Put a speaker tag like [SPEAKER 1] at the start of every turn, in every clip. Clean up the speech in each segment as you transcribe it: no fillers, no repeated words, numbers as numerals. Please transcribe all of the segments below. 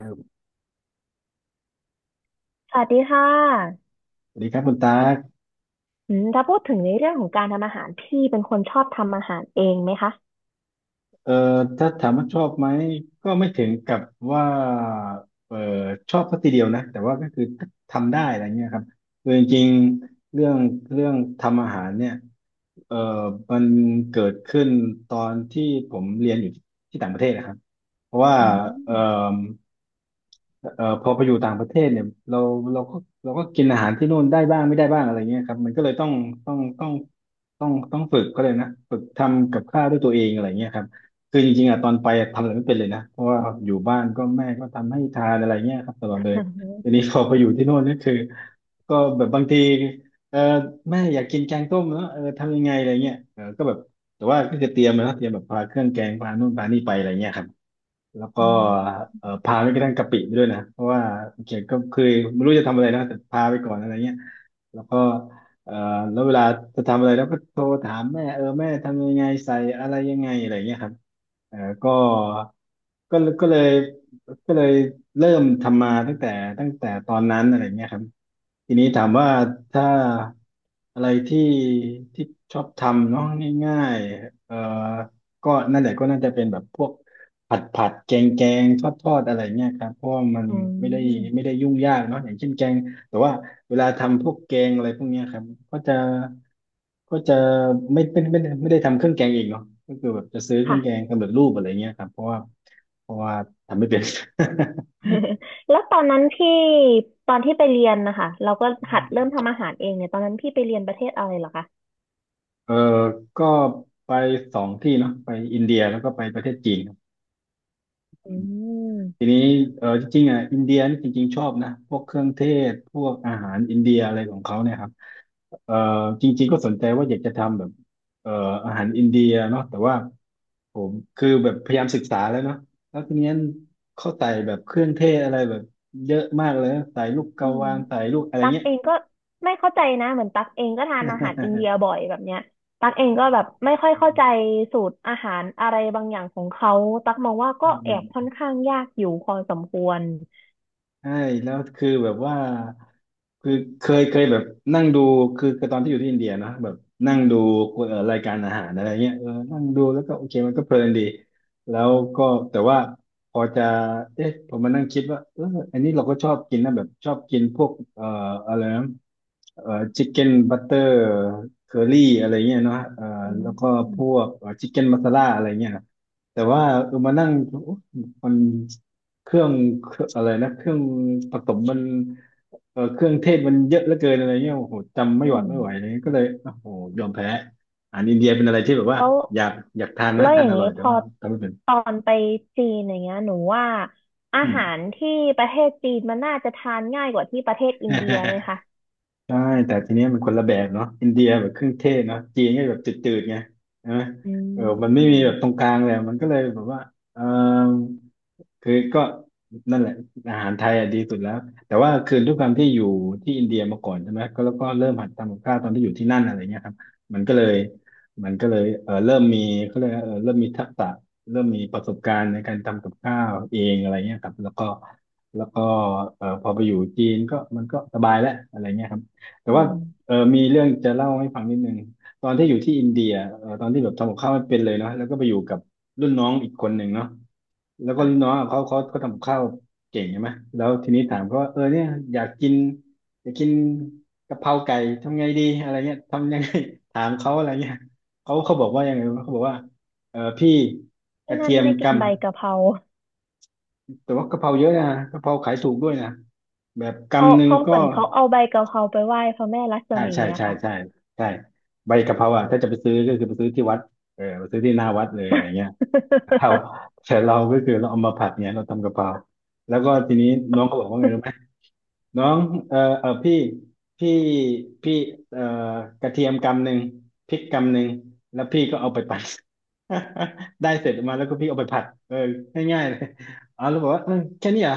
[SPEAKER 1] ครับ
[SPEAKER 2] สวัสดีค่ะ
[SPEAKER 1] สวัสดีครับคุณตาก
[SPEAKER 2] ถ้าพูดถึงในเรื่องของการทำอาหารพี่เป็นคนชอบทำอาหารเองไหมคะ
[SPEAKER 1] เอ่อถ้าถามว่าชอบไหมก็ไม่ถึงกับว่าเอ่อชอบสักทีเดียวนะแต่ว่าก็คือทำได้อะไรเงี้ยครับคือจริงๆเรื่องเรื่องทำอาหารเนี่ยเอ่อมันเกิดขึ้นตอนที่ผมเรียนอยู่ที่ต่างประเทศนะครับเพราะว่า
[SPEAKER 2] อื
[SPEAKER 1] เอ่อ
[SPEAKER 2] ม
[SPEAKER 1] พอไปอยู่ต่างประเทศเนี่ยเราเราก็เราก็กินอาหารที่นู่นได้บ้างไม่ได้บ้างอะไรเงี้ยครับมันก็เลยต้องต้องต้องฝึกก็เลยนะฝึกทำกับข้าวด้วยตัวเองอะไรเงี้ยครับ คือจริงๆอ่ะตอนไปอะทำอะไรไม่เป็นเลยนะเพราะว่าอยู่บ้านก็แม่ก็ทำให้ทานอะไรเงี้ยครับตลอดเลย
[SPEAKER 2] อื
[SPEAKER 1] ที
[SPEAKER 2] ม
[SPEAKER 1] นี้พอไปอยู่ที่โน่นนี่คือก็แบบบางทีเออแม่อยากกินแกงต้มเนอะเออทำยังไงอะไรเงี้ยเออก็แบบแต่ว่าก็จะเตรียมนะเตรียมแบบพาเครื่องแกงพานู่นพานี่ไปอะไรเงี้ยครับ แล้วก็
[SPEAKER 2] อืม
[SPEAKER 1] พาไปกระทั่งกะปิไปด้วยนะเพราะว่าเกียรติก็เคยไม่รู้จะทำอะไรนะแต่พาไปก่อนอะไรเงี้ยแล้วก็เอ่อแล้วเวลาจะทำอะไรแล้วก็โทรถามแม่เออแม่ทำยังไงใส่อะไรยังไงอะไรเงี้ยครับเออก็ก็ก็เลยก็เลยเริ่มทำมาตั้งแต่ตั้งแต่ตอนนั้นอะไรเงี้ยครับทีนี้ถามว่าถ้าอะไรที่ที่ชอบทำเนาะง่ายๆก็นั่นแหละก็น่าจะเป็นแบบพวก ผัดผัดแกงแกงทอดทอดอะไรเงี้ยครับเพราะว่ามัน
[SPEAKER 2] อื
[SPEAKER 1] ไม่ได้ไม่
[SPEAKER 2] ม
[SPEAKER 1] ได้ยุ่งยากเนาะอย่างเช่นแกงแต่ว่าเวลาทำพวกแกงอะไรพวกเนี้ยครับก็จะก็จะไม่เป็นไม่ไม่ได้ทำเครื่องแกงเองเนาะก็คือแบบจะซื้อเครื่อ
[SPEAKER 2] ค่ะ
[SPEAKER 1] งแกงสำเร็จรูปอะไรเงี้ยครับเพราะว่าทำไม่เป็น
[SPEAKER 2] แล้วตอนนั้นตอนที่ไปเรียนนะคะเราก็ หัดเริ่มทำอาหารเองเนี่ยตอนนั้นพี่ไปเรียนประเทศอะไรเหรอคะ
[SPEAKER 1] เออก็ไปสองที่เนาะไปอินเดียแล้วก็ไปประเทศจีนครับ
[SPEAKER 2] อื
[SPEAKER 1] ที
[SPEAKER 2] ม
[SPEAKER 1] นี้เออจริงๆอ่ะอินเดียนี่จริงๆชอบนะพวกเครื่องเทศพวกอาหารอินเดียอะไรของเขาเนี่ยครับเออจริงๆก็สนใจว่าอยากจะทำแบบเอออาหารอินเดียเนาะแต่ว่าผมคือแบบพยายามศึกษาแล้วเนาะแล้วทีนี้เขาใส่แบบเครื่องเทศอะไรแบบเยอะมากเลยนะใส่ลูกก
[SPEAKER 2] อื
[SPEAKER 1] ระ
[SPEAKER 2] ม
[SPEAKER 1] วานใส่ลูกอะไร
[SPEAKER 2] ตัก
[SPEAKER 1] เงี้ย
[SPEAKER 2] เองก็ไม่เข้าใจนะเหมือนตักเองก็ทานอาหารอินเดียบ่อยแบบเนี้ยตักเองก็แบบไม่ค่อยเข้าใจสูตรอาหารอะไรบางอย่างของเขาตักมองว่า ก็
[SPEAKER 1] อื
[SPEAKER 2] แอบค่อน
[SPEAKER 1] ม
[SPEAKER 2] ข้างยากอยู่พอสมควร
[SPEAKER 1] ใช่แล้วคือแบบว่าคือเคยแบบนั่งดูคือตอนที่อยู่ที่อินเดียนะแบบนั่งดูรายการอาหารอะไรเงี้ยเออนั่งดูแล้วก็โอเคมันก็เพลินดีแล้วก็แต่ว่าพอจะเอ๊ะผมมานั่งคิดว่าเอออันนี้เราก็ชอบกินนะแบบชอบกินพวกอะไรนะเอ่อชิคเก้นบัตเตอร์เคอรี่อะไรเงี้ยเนาะ
[SPEAKER 2] อื
[SPEAKER 1] แล้
[SPEAKER 2] ม
[SPEAKER 1] วก็พวกชิคเก้นมัสซาลาอะไรเงี้ยแต่ว่าเออมานั่งโอ๊ะมัน เครื่องเครื่องอะไรนะเครื่องผสมมันเออเครื่องเทศมันเยอะเหลือเกินอะไรเงี้ยโอ้โหจำไม่
[SPEAKER 2] อื
[SPEAKER 1] หวัด
[SPEAKER 2] ม
[SPEAKER 1] ไม่ไหวเลยก็เลยโอ้โหยอมแพ้อาหารอินเดียเป็นอะไรที่แบบว่า
[SPEAKER 2] แล้ว
[SPEAKER 1] อยากอยากทานนะ
[SPEAKER 2] แล้วอ
[SPEAKER 1] ทาน
[SPEAKER 2] ย่าง
[SPEAKER 1] อร่
[SPEAKER 2] นี้
[SPEAKER 1] อย
[SPEAKER 2] พ
[SPEAKER 1] แต่
[SPEAKER 2] อ
[SPEAKER 1] ว่าทำไม่เป็น
[SPEAKER 2] ตอนไปจีนอย่างเงี้ยหนูว่าอา
[SPEAKER 1] อืม
[SPEAKER 2] หารที่ประเทศจีนมันน่าจะทานง่ายกว่าที่ประเทศอินเดียไหมคะ
[SPEAKER 1] ใช่แต่ทีเนี้ยมันคนละแบบเนาะอินเดียแบบเครื่องเทศเนาะจีนก็แบบจืดๆไงใช่ไหม
[SPEAKER 2] อื
[SPEAKER 1] เออมันไม่มีแบบตรง
[SPEAKER 2] ม
[SPEAKER 1] กลางเลยมันก็เลยแบบว่าเออ คือก็นั่นแหละอาหารไทยอ่ะดีสุดแล้วแต่ว่าคือด้วยความที่อยู่ที่อินเดียมาก่อนใช่ไหมก็แล้วก็เริ่มหัดทำกับข้าวตอนที่อยู่ที่นั่นอะไรเงี้ยครับมันก็เลยมันก็เลยเออเริ่มมีเขาเรียกว่าเออเริ่มมีทักษะเริ่มมีประสบการณ์ในการทำกับข้าวเองอะไรเงี้ยครับแล้วก็เออพอไปอยู่จีนก็มันก็สบายแล้วอะไรเงี้ยครับแต่
[SPEAKER 2] อื
[SPEAKER 1] ว่า
[SPEAKER 2] ม
[SPEAKER 1] เออมีเรื่องจะเล่าให้ฟังนิดนึงตอนที่อยู่ที่อินเดียเออตอนที่แบบทำกับข้าวไม่เป็นเลยเนาะแล้วก็ไปอยู่กับรุ่นน้องอีกคนหนึ่งเนาะ แล้วก็รุ่น
[SPEAKER 2] อ่ะ
[SPEAKER 1] น้องอะเขาทำกับข้าวเก่งใช่ไหมแล้วทีนี้ถามเขาว่าเออเนี่ยอยากกินอยากกินกะเพราไก่ทำไงดีอะไรเงี้ยทำยังไง ถามเขาอะไรเงี้ยเขาบอกว่ายังไงวะเขาบอกว่าเออพี่ก
[SPEAKER 2] ที่
[SPEAKER 1] ระ
[SPEAKER 2] นั่
[SPEAKER 1] เที
[SPEAKER 2] น
[SPEAKER 1] ยม
[SPEAKER 2] ไม่กิน
[SPEAKER 1] กำ
[SPEAKER 2] ใบกะเพรา
[SPEAKER 1] แต่ว่ากะเพราเยอะนะกะเพราขายถูกด้วยนะแบบ
[SPEAKER 2] เขา
[SPEAKER 1] กำหนึ่ง
[SPEAKER 2] เขาเห
[SPEAKER 1] ก็
[SPEAKER 2] มือนเขาเอาใบกะเพราไปไหว้พระแม่ลักษ
[SPEAKER 1] ใช่
[SPEAKER 2] มี
[SPEAKER 1] ใช่
[SPEAKER 2] อะ
[SPEAKER 1] ใช่
[SPEAKER 2] ค่ะ
[SPEAKER 1] ใช่ใช่ใบกะเพราอ่ะถ้าจะไปซื้อก็คือไปซื้อที่วัดเออไปซื้อที่หน้าวัดเลยอะไรเงี้ย ครับ แต่เราก็คือเราเอามาผัดเนี่ยเราทำกะเพราแล้วก็ทีนี้น้องเขาบอกว่าไงรู้ไหม น้องเออเออพี่พี่พี่เออกระเทียมกำหนึ่งพริกกำหนึ่งแล้วพี่ก็เอาไปปั่น ได้เสร็จมาแล้วก็พี่เอาไปผัดเออง่ายๆเลยอ๋อแล้วบอกว่าเออแค่นี้เหรอ่ะ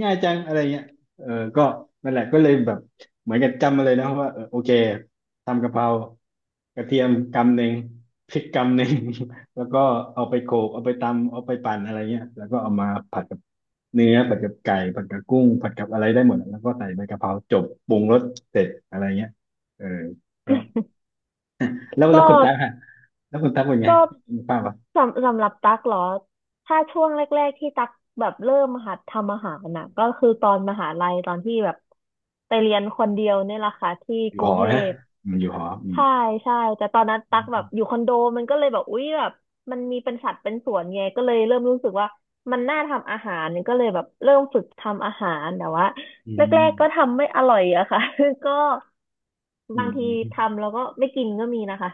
[SPEAKER 1] ง่ายจังอะไรเงี้ยเออก็นั่นแหละก็เลยแบบเหมือนกับจำมาเลยนะว่าเออโอเคทำกะเพรากระเทียมกำหนึ่งพริกกำหนึ่ง แล้วก็เอาไปโขลกเอาไปตำเอาไปปั่นอะไรเงี้ยแล้วก็เอามาผัดกับ
[SPEAKER 2] ก็ก็สำหรับตั๊กเหรอ ถ้าช่วงแรกๆที่ตั๊กแบบเริ่มหัดทำอาหารน่ะก็คือตอนมหาลัยตอนที่แบบไปเรียนคนเดียวเนี่ยแหละค่ะที่กรุงเทพ ใช่ใช่แต่ตอนนั้นตั๊กแบบอยู่คอนโดมันก็เลยแบบอุ๊ยแบบมันมีเป็นสัดเป็นส่วนไงก็เลยเริ่มรู้สึกว่ามันน่าทำอาหารก็เลยแบบเริ่มฝึกทำอาหารแต่ว่าแรกๆก็ทำไม่อร่อยอะค่ะ ก็ บางทีทำแล้วก็ไม่กินก็มีนะคะ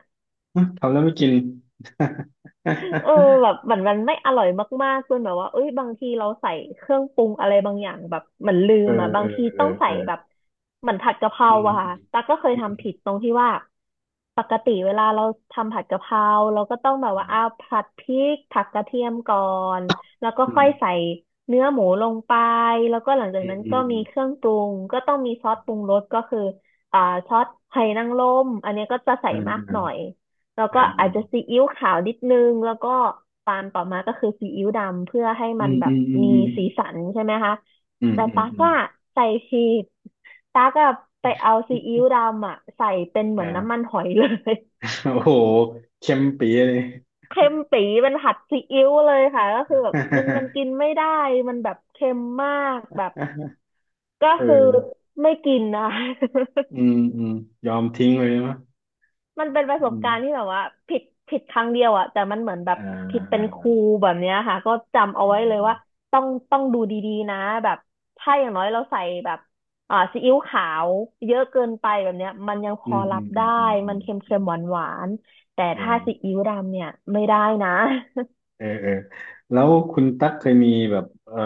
[SPEAKER 2] เออแบบเหมือนมันไม่อร่อยมากๆจนแบบว่าเอ้ยบางทีเราใส่เครื่องปรุงอะไรบางอย่างแบบเหมือนลืมอ่ะบางทีต้องใส่แบบเหมือนผัดกะเพราอะค่ะตั๊กก็เคยทำผิดตรงที่ว่าปกติเวลาเราทำผัดกะเพราเราก็ต้องแบบว่าอ้าวผัดพริกผัดกระเทียมก่อนแล้วก็ค่อยใส่เนื้อหมูลงไปแล้วก็หลังจากนั้นก็มีเครื่องปรุงก็ต้องมีซอสปรุงรสก็คืออ่าซอสไหหนางรมอันเนี้ยก็จะใส่มากหน่อย แล้วก็อาจจะซีอิ๊วขาวนิดนึงแล้วก็ตามต่อมาก็คือซีอิ๊วดำเพื่อให้มันแบบมีสีสันใช่ไหมคะ แต่ตากอะใส่ผิดตากอะไปเอาซีอิ๊วดำอะใส่เป็นเหมือนน้ำมันหอยเลย เค็มปี๋เป็นผัดซีอิ๊วเลยค่ะก็คือแบบมันกิน ไม่ได้ มันแบบเค็มมากแบบก็คือ
[SPEAKER 1] เออ
[SPEAKER 2] ไม่กินนะะ
[SPEAKER 1] อื มอืมยอมทิ้งเลยใช่ไหมั้ย
[SPEAKER 2] มันเป็นประส
[SPEAKER 1] อื
[SPEAKER 2] บ
[SPEAKER 1] ม
[SPEAKER 2] การณ์ที่แบบว่าผิดผิดครั้งเดียวอะแต่มันเหมือนแบบ
[SPEAKER 1] อ่า
[SPEAKER 2] ผิ
[SPEAKER 1] อ่า
[SPEAKER 2] ดเป็
[SPEAKER 1] อ่า
[SPEAKER 2] นครู
[SPEAKER 1] อา
[SPEAKER 2] แบบเนี้ยค่ะก็จำเอา
[SPEAKER 1] อ
[SPEAKER 2] ไว้เลยว่าต้องดูดีๆนะแบบถ้าอย่างน้อยเราใส่แบบอ่าซีอิ๊วขาวเยอะเกินไปแบบเนี้ยมันยังพ
[SPEAKER 1] ื
[SPEAKER 2] อ
[SPEAKER 1] ม
[SPEAKER 2] รั
[SPEAKER 1] อื
[SPEAKER 2] บ
[SPEAKER 1] มอื
[SPEAKER 2] ได้
[SPEAKER 1] มอืมอื
[SPEAKER 2] มัน
[SPEAKER 1] ม
[SPEAKER 2] เค็มๆหวานๆแต่
[SPEAKER 1] อื
[SPEAKER 2] ถ้าซี
[SPEAKER 1] ม
[SPEAKER 2] อิ๊วดำเนี่ยไม่ได้นะ
[SPEAKER 1] เออเออ เออ แล้วคุณตั๊กเคยมีแบบ เออ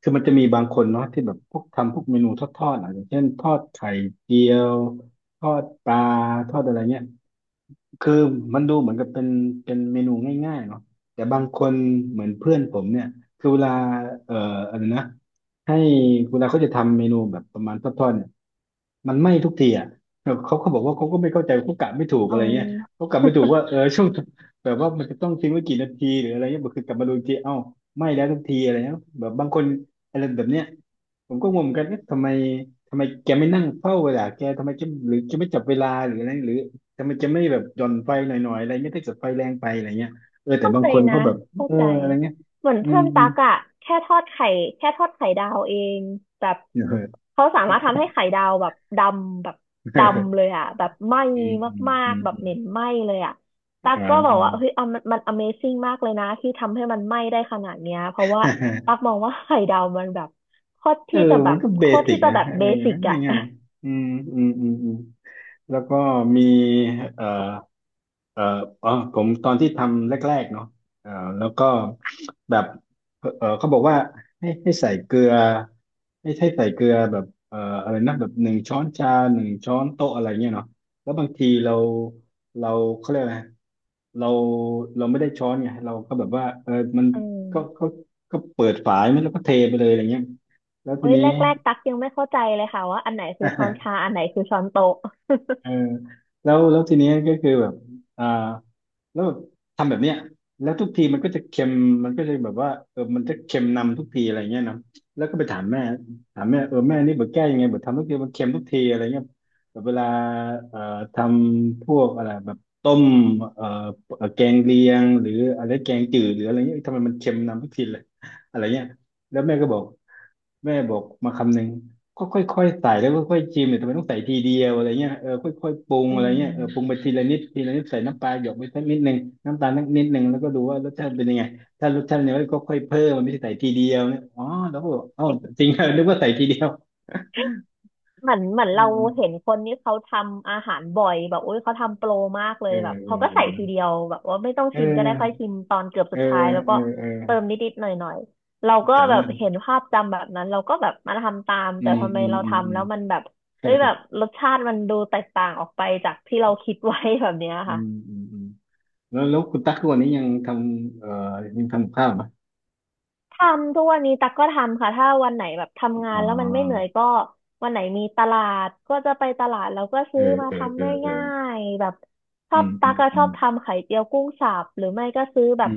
[SPEAKER 1] คือมันจะมีบางคนเนาะที่แบบพวกทำพวกเมนูทอดๆอ่ะอย่างเช่นทอดไข่เจียว ทอดปลาทอดอะไรเงี้ย คือมันดูเหมือนกับเป็นเป็นเมนูง่ายๆเนาะแต่บางคนเหมือนเพื่อนผมเนี่ยคือเวลาเอ่ออะไรนะให้เวลาเขาจะทำเมนูแบบประมาณทอดๆเนี่ยมันไหม้ทุกทีอ่ะเขเขาบอกว่าเขาก็ไม่เข้าใจเขากะไม่ถูก
[SPEAKER 2] เอ
[SPEAKER 1] อะไรเงี้ยเขากะไม่ถูก
[SPEAKER 2] อ
[SPEAKER 1] ว่าเออช่วงแบบว่ามันจะต้องทิ้งไว้กี่นาทีหรืออะไรเงี้ยบอกคือกลับมาดูอีกทีเอ้าไหม้แล้วทุกทีอะไรเงี้ยแบบบางคนอะไรแบบเนี้ย ผมก็งงเหมือนกันเอ๊ะทำไมแกไม่นั่งเฝ้าเวลาแกทำไมแกหรือแกไม่จับเวลาหรืออะไรหรือทำไมแกไม่แบบหย่อนไฟหน่อยๆอะไรไม่ไดถ้าเดไฟแรงไปอะไรเงี้ยเออแต่
[SPEAKER 2] เข้า
[SPEAKER 1] บาง
[SPEAKER 2] ใจ
[SPEAKER 1] คน
[SPEAKER 2] นะ
[SPEAKER 1] เขาแบบ
[SPEAKER 2] เข้า
[SPEAKER 1] เออ
[SPEAKER 2] ใจ
[SPEAKER 1] อะไรเงี้ย
[SPEAKER 2] เหมือน
[SPEAKER 1] อื
[SPEAKER 2] เพื่
[SPEAKER 1] ม
[SPEAKER 2] อน
[SPEAKER 1] อื
[SPEAKER 2] ตั
[SPEAKER 1] ม
[SPEAKER 2] กอะแค่ทอดไข่แค่ทอดไข่ดาวเองแบบ
[SPEAKER 1] เออ
[SPEAKER 2] เขาสามารถทำให้ไข่ดาวแบบดำเลยอะแบบไหม้
[SPEAKER 1] เอออืม
[SPEAKER 2] มา
[SPEAKER 1] อื
[SPEAKER 2] ก
[SPEAKER 1] ม
[SPEAKER 2] ๆแบ
[SPEAKER 1] อืม
[SPEAKER 2] บ
[SPEAKER 1] อื
[SPEAKER 2] เห
[SPEAKER 1] ม
[SPEAKER 2] ม็นไหม้เลยอะตัก
[SPEAKER 1] อ่า
[SPEAKER 2] ก็บอก
[SPEAKER 1] อ่า
[SPEAKER 2] ว่าเฮ้ยเอามัน Amazing มากเลยนะที่ทำให้มันไหม้ได้ขนาดเนี้ยเพราะว่าตัก มองว่าไข่ดาวมันแบบ
[SPEAKER 1] เออมันก็เบ
[SPEAKER 2] โคตร
[SPEAKER 1] สิ
[SPEAKER 2] ที่
[SPEAKER 1] ก
[SPEAKER 2] จะ
[SPEAKER 1] นะ
[SPEAKER 2] แบบ
[SPEAKER 1] เอ
[SPEAKER 2] เบ
[SPEAKER 1] อ
[SPEAKER 2] สิกอะ
[SPEAKER 1] ง่ายๆอืมอืมอืมอืมแล้วก็มีเอ่อเอ่ออ๋อผมตอนที่ทำแรกๆเนาะเอ่อแล้วก็ แบบเออเขาบอกว่าให้ใส่เกลือให้ใส่เกลือแบบเอออะไรนะแบบหนึ่งช้อนชาหนึ่งช้อนโต๊ะอะไรเงี้ยเนาะแล้วบางทีเราเราเขาเรียกอะไรเราเราไม่ได้ช้อนไงเราก็แบบว่าเออมัน
[SPEAKER 2] อื
[SPEAKER 1] ก็
[SPEAKER 2] ม
[SPEAKER 1] ก็เปิดฝาไม่แล้วก็เทไปเลยอะไรเงี้ยแล้ว
[SPEAKER 2] โอ้
[SPEAKER 1] ที
[SPEAKER 2] ย
[SPEAKER 1] นี้
[SPEAKER 2] แรกๆตักยังไม่เข้าใจเลยค่ะว่าอันไหนคือช้อนชา อันไหนคือช้อนโต๊ะ
[SPEAKER 1] เออแล้วทีนี้ก็คือแบบอ่า แล้วแบบทำแบบเนี้ยแล้วทุกทีมันก็จะเค็มมันก็จะแบบว่าเออมันจะเค็มนำทุกทีอะไรเงี้ยนะแล้วก็ไปถามแม่ถามแม่เออแม่นี่แบบแก้ยังไงแบบทำทุกทีมันเค็มทุกทีอะไรเงี้ยแบบเวลาเอ่อทำพวกอะไรแบบต้มเอ่อแกงเลียงหรืออะไรแกงจืดหรืออะไรเงี้ยเอ้ยทำไมมันเค็มนำทุกทีเลยอะไรเงี้ยแล้วแม่ก็บอก แม่บอกมาคำหนึ่งก็ค่อยๆใส่แล้วค่อยๆชิมเนี่ยทำไมต้องใส่ทีเดียวอะไรเงี้ยเออค่อยๆปรุง
[SPEAKER 2] อื
[SPEAKER 1] อะไรเงี้ยเออปรุง
[SPEAKER 2] ม
[SPEAKER 1] ไปทีละนิดทีละนิดใส่น้ำปลาหยดไปสักนิดหนึ่งน้ำตาลสักนิดหนึ่งแล้วก็ดูว่ารสชาติเป็นยังไงถ้ารสชาติเนี่ยก็ค่อยๆเพิ่มมันไม่ใช่ใส่ทีเดียวเนี่ยอ๋อแล้วก็บอกเอ้าจริงเหรอนึกว่าใส่ทีเดียว
[SPEAKER 2] เหมือนเหมื
[SPEAKER 1] เ
[SPEAKER 2] อนเราเห็
[SPEAKER 1] อ
[SPEAKER 2] น
[SPEAKER 1] อ
[SPEAKER 2] คนนี้เขาทำอาหารบ่อยแบบอุ้ยเขาทำโปรมากเล
[SPEAKER 1] เอ
[SPEAKER 2] ยแบบเขาก็ใส่
[SPEAKER 1] อ
[SPEAKER 2] ทีเดียวแบบว่าไม่ต้อง
[SPEAKER 1] เออ
[SPEAKER 2] ชิมก็ได้ค่อย
[SPEAKER 1] เอ
[SPEAKER 2] ชิ
[SPEAKER 1] อ
[SPEAKER 2] มตอนเกือบ
[SPEAKER 1] เอ
[SPEAKER 2] สุ
[SPEAKER 1] อ
[SPEAKER 2] ดท้ายแล้ว
[SPEAKER 1] เอ
[SPEAKER 2] ก็
[SPEAKER 1] อเออ
[SPEAKER 2] เติมนิดๆหน่อยๆเราก็
[SPEAKER 1] แต่
[SPEAKER 2] แบ
[SPEAKER 1] ละ
[SPEAKER 2] บเห็นภาพจำแบบนั้นเราก็แบบมาทำตาม
[SPEAKER 1] อื
[SPEAKER 2] แต่
[SPEAKER 1] ม
[SPEAKER 2] ทำไม
[SPEAKER 1] อืม
[SPEAKER 2] เรา
[SPEAKER 1] อืมอื
[SPEAKER 2] ทำ
[SPEAKER 1] ม
[SPEAKER 2] แล้วมันแบบ
[SPEAKER 1] เออ
[SPEAKER 2] เอ้ยแบบรสชาติมันดูแตกต่างออกไปจากที่เราคิดไว้ แบบเนี้ย
[SPEAKER 1] อื
[SPEAKER 2] ค่ะ
[SPEAKER 1] มอืมอืมแล้วแล้วคุณตั๊กทุกวันนี้ยังทำยังทำกับข้าวไหม
[SPEAKER 2] ทำทุกวันนี้ตักก็ทำค่ะถ้าวันไหนแบบทำงา
[SPEAKER 1] อ๋
[SPEAKER 2] นแล้วมันไม่เหนื่อย
[SPEAKER 1] อ
[SPEAKER 2] ก็วันไหนมีตลาดก็จะไปตลาดแล้วก็
[SPEAKER 1] เอ
[SPEAKER 2] ซื้อ
[SPEAKER 1] อ
[SPEAKER 2] มา
[SPEAKER 1] เออเอ
[SPEAKER 2] ทำ
[SPEAKER 1] อเออ
[SPEAKER 2] ง่ายๆแบบช
[SPEAKER 1] อื
[SPEAKER 2] อบ
[SPEAKER 1] ม
[SPEAKER 2] ตั
[SPEAKER 1] อื
[SPEAKER 2] ก
[SPEAKER 1] ม
[SPEAKER 2] ก็
[SPEAKER 1] อื
[SPEAKER 2] ชอ
[SPEAKER 1] ม
[SPEAKER 2] บทำไข่เจียวกุ้งสับหรือไม่ก็ซื้อแบ
[SPEAKER 1] อื
[SPEAKER 2] บ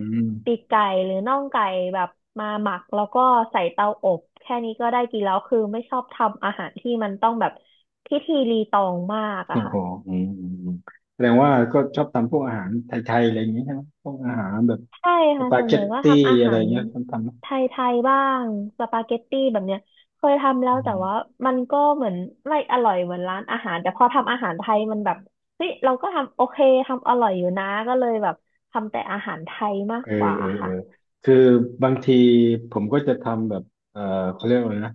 [SPEAKER 2] ปีก
[SPEAKER 1] ม
[SPEAKER 2] ไก่หรือน่องไก่แบบมาหมักแล้วก็ใส่เตาอบแค่นี้ก็ได้กินแล้วคือไม่ชอบทำอาหารที่มันต้องแบบพิธีรีตองมากอะ
[SPEAKER 1] โอ้
[SPEAKER 2] ค่ะ
[SPEAKER 1] โหอืมอืมอืมแสดงว่าก็ชอบทำพวกอาหารไทยๆอะไรอย่างนี้ใช่ไหมพวกอาหารแบบ
[SPEAKER 2] ใช่
[SPEAKER 1] ส
[SPEAKER 2] ค่ะ
[SPEAKER 1] ปา
[SPEAKER 2] ส่ว
[SPEAKER 1] เก
[SPEAKER 2] นใหญ่
[SPEAKER 1] ต
[SPEAKER 2] ก็
[SPEAKER 1] ตี้
[SPEAKER 2] ทำอา
[SPEAKER 1] อะไร
[SPEAKER 2] หาร
[SPEAKER 1] เงี้ยทำทำไหม
[SPEAKER 2] ไทยๆบ้าง สปาเกตตี้แบบเนี้ยเคยทำแล้
[SPEAKER 1] อื
[SPEAKER 2] วแต่
[SPEAKER 1] ม
[SPEAKER 2] ว่ามันก็เหมือนไม่อร่อยเหมือนร้านอาหารแต่พอทำอาหารไทยมันแบบเฮ้ยเราก็ทำโอเคทำอร่อยอยู่นะก็เลยแบบทำแต่อาหารไทยมาก
[SPEAKER 1] เออ
[SPEAKER 2] กว่า
[SPEAKER 1] เออเอ
[SPEAKER 2] ค่ะ
[SPEAKER 1] อคือบางทีผมก็จะทำแบบเออเขาเรียกว่าอะไรนะ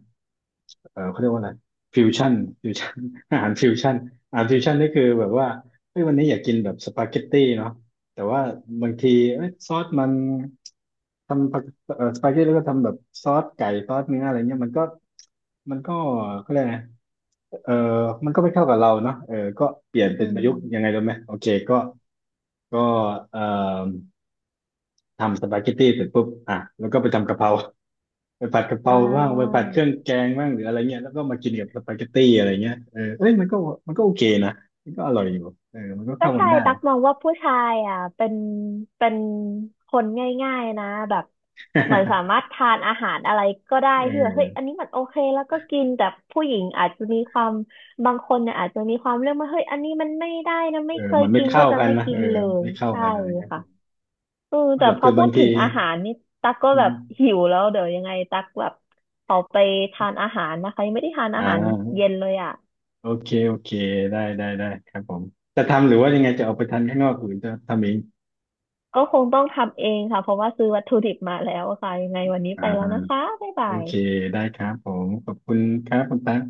[SPEAKER 1] เออเขาเรียกว่าอะไรฟิวชั่นฟิวชั่น อาหารฟิวชั่นอาหารฟิวชั่นนี่คือแบบว่าเฮ้ยวันนี้อยากกินแบบสปาเกตตี้เนาะแต่ว่าบางทีเอ้ยซอสมันทำปาเอ่อสปาเกตตี้แล้วก็ทำแบบซอสไก่ซอสเนื้ออะไรเงี้ยมันก็มันก็เขาเรียกไงเออมันก็ไม่เข้ากับเราเนาะเออก็เปลี่ยนเป็
[SPEAKER 2] อื
[SPEAKER 1] นประ
[SPEAKER 2] ม
[SPEAKER 1] ยุกต์ยังไงรู้ไหมโอเคก็ก็เอ่อทำสปาเกตตี้เสร็จปุ๊บอ่ะแล้วก็ไปทำกะเพรา ไปผัดกะเพ
[SPEAKER 2] อ่
[SPEAKER 1] ราบ้างไปผัดเครื่อ
[SPEAKER 2] า
[SPEAKER 1] งแกงบ้างหรืออะไรเงี้ยแล้วก็มากินกับสปาเกตตี้อะไรเงี้ยเออเอ้ยมันก็โอเคนะมันก็อร่อยอยู่เออมันก็
[SPEAKER 2] ก็
[SPEAKER 1] เข้ากั
[SPEAKER 2] ใช่
[SPEAKER 1] นได้
[SPEAKER 2] ตักมองว่าผู้ชายอ่ะเป็นคนง่ายๆนะแบบเหมือนสามา รถทานอาหารอะไรก็ได้
[SPEAKER 1] เ
[SPEAKER 2] ที่แบบเฮ้ยอัน
[SPEAKER 1] ออ
[SPEAKER 2] นี้มันโอเคแล้วก็กินแต่ผู้หญิงอาจจะมีความบางคนเนี่ยอาจจะมีความเรื่องว่าเฮ้ยอันนี้มันไม่ได้นะ
[SPEAKER 1] เอ
[SPEAKER 2] ไม่
[SPEAKER 1] อ
[SPEAKER 2] เคย
[SPEAKER 1] มันไม่
[SPEAKER 2] กินก็
[SPEAKER 1] เข้า
[SPEAKER 2] จะ
[SPEAKER 1] กัน
[SPEAKER 2] ไม่
[SPEAKER 1] นะ
[SPEAKER 2] กิ
[SPEAKER 1] เออ
[SPEAKER 2] นเล
[SPEAKER 1] มัน
[SPEAKER 2] ย
[SPEAKER 1] ไม่เข้า
[SPEAKER 2] ใช่
[SPEAKER 1] กันอะไรเงี้ย
[SPEAKER 2] ค่ะเออ
[SPEAKER 1] ไม่
[SPEAKER 2] แต่
[SPEAKER 1] หรอก
[SPEAKER 2] พอ
[SPEAKER 1] คือ
[SPEAKER 2] พู
[SPEAKER 1] บาง
[SPEAKER 2] ดถึ
[SPEAKER 1] ที
[SPEAKER 2] งอาหารนี่ตักก็
[SPEAKER 1] อื
[SPEAKER 2] แบบ
[SPEAKER 1] ม
[SPEAKER 2] หิวแล้วเดี๋ยวยังไงตักแบบขอไปทานอาหารนะคะยังไม่ได้ทาน
[SPEAKER 1] อ่
[SPEAKER 2] อาหาร
[SPEAKER 1] า
[SPEAKER 2] เย็นเลยอ่ะ
[SPEAKER 1] โอเคโอเคได้ได้ได้ครับผมจะทำหรือว่ายังไงจะเอาไปทานข้างนอกหรือจะทำเอง
[SPEAKER 2] ก็คงต้องทำเองค่ะ เพราะว่าซื้อวัตถุดิบมาแล้วค่ะยังไงวันนี้
[SPEAKER 1] อ่
[SPEAKER 2] ไปแล้วนะ
[SPEAKER 1] า
[SPEAKER 2] คะ บ๊ายบา
[SPEAKER 1] โอ
[SPEAKER 2] ย
[SPEAKER 1] เคได้ครับผมขอบคุณครับคุณตั๊ก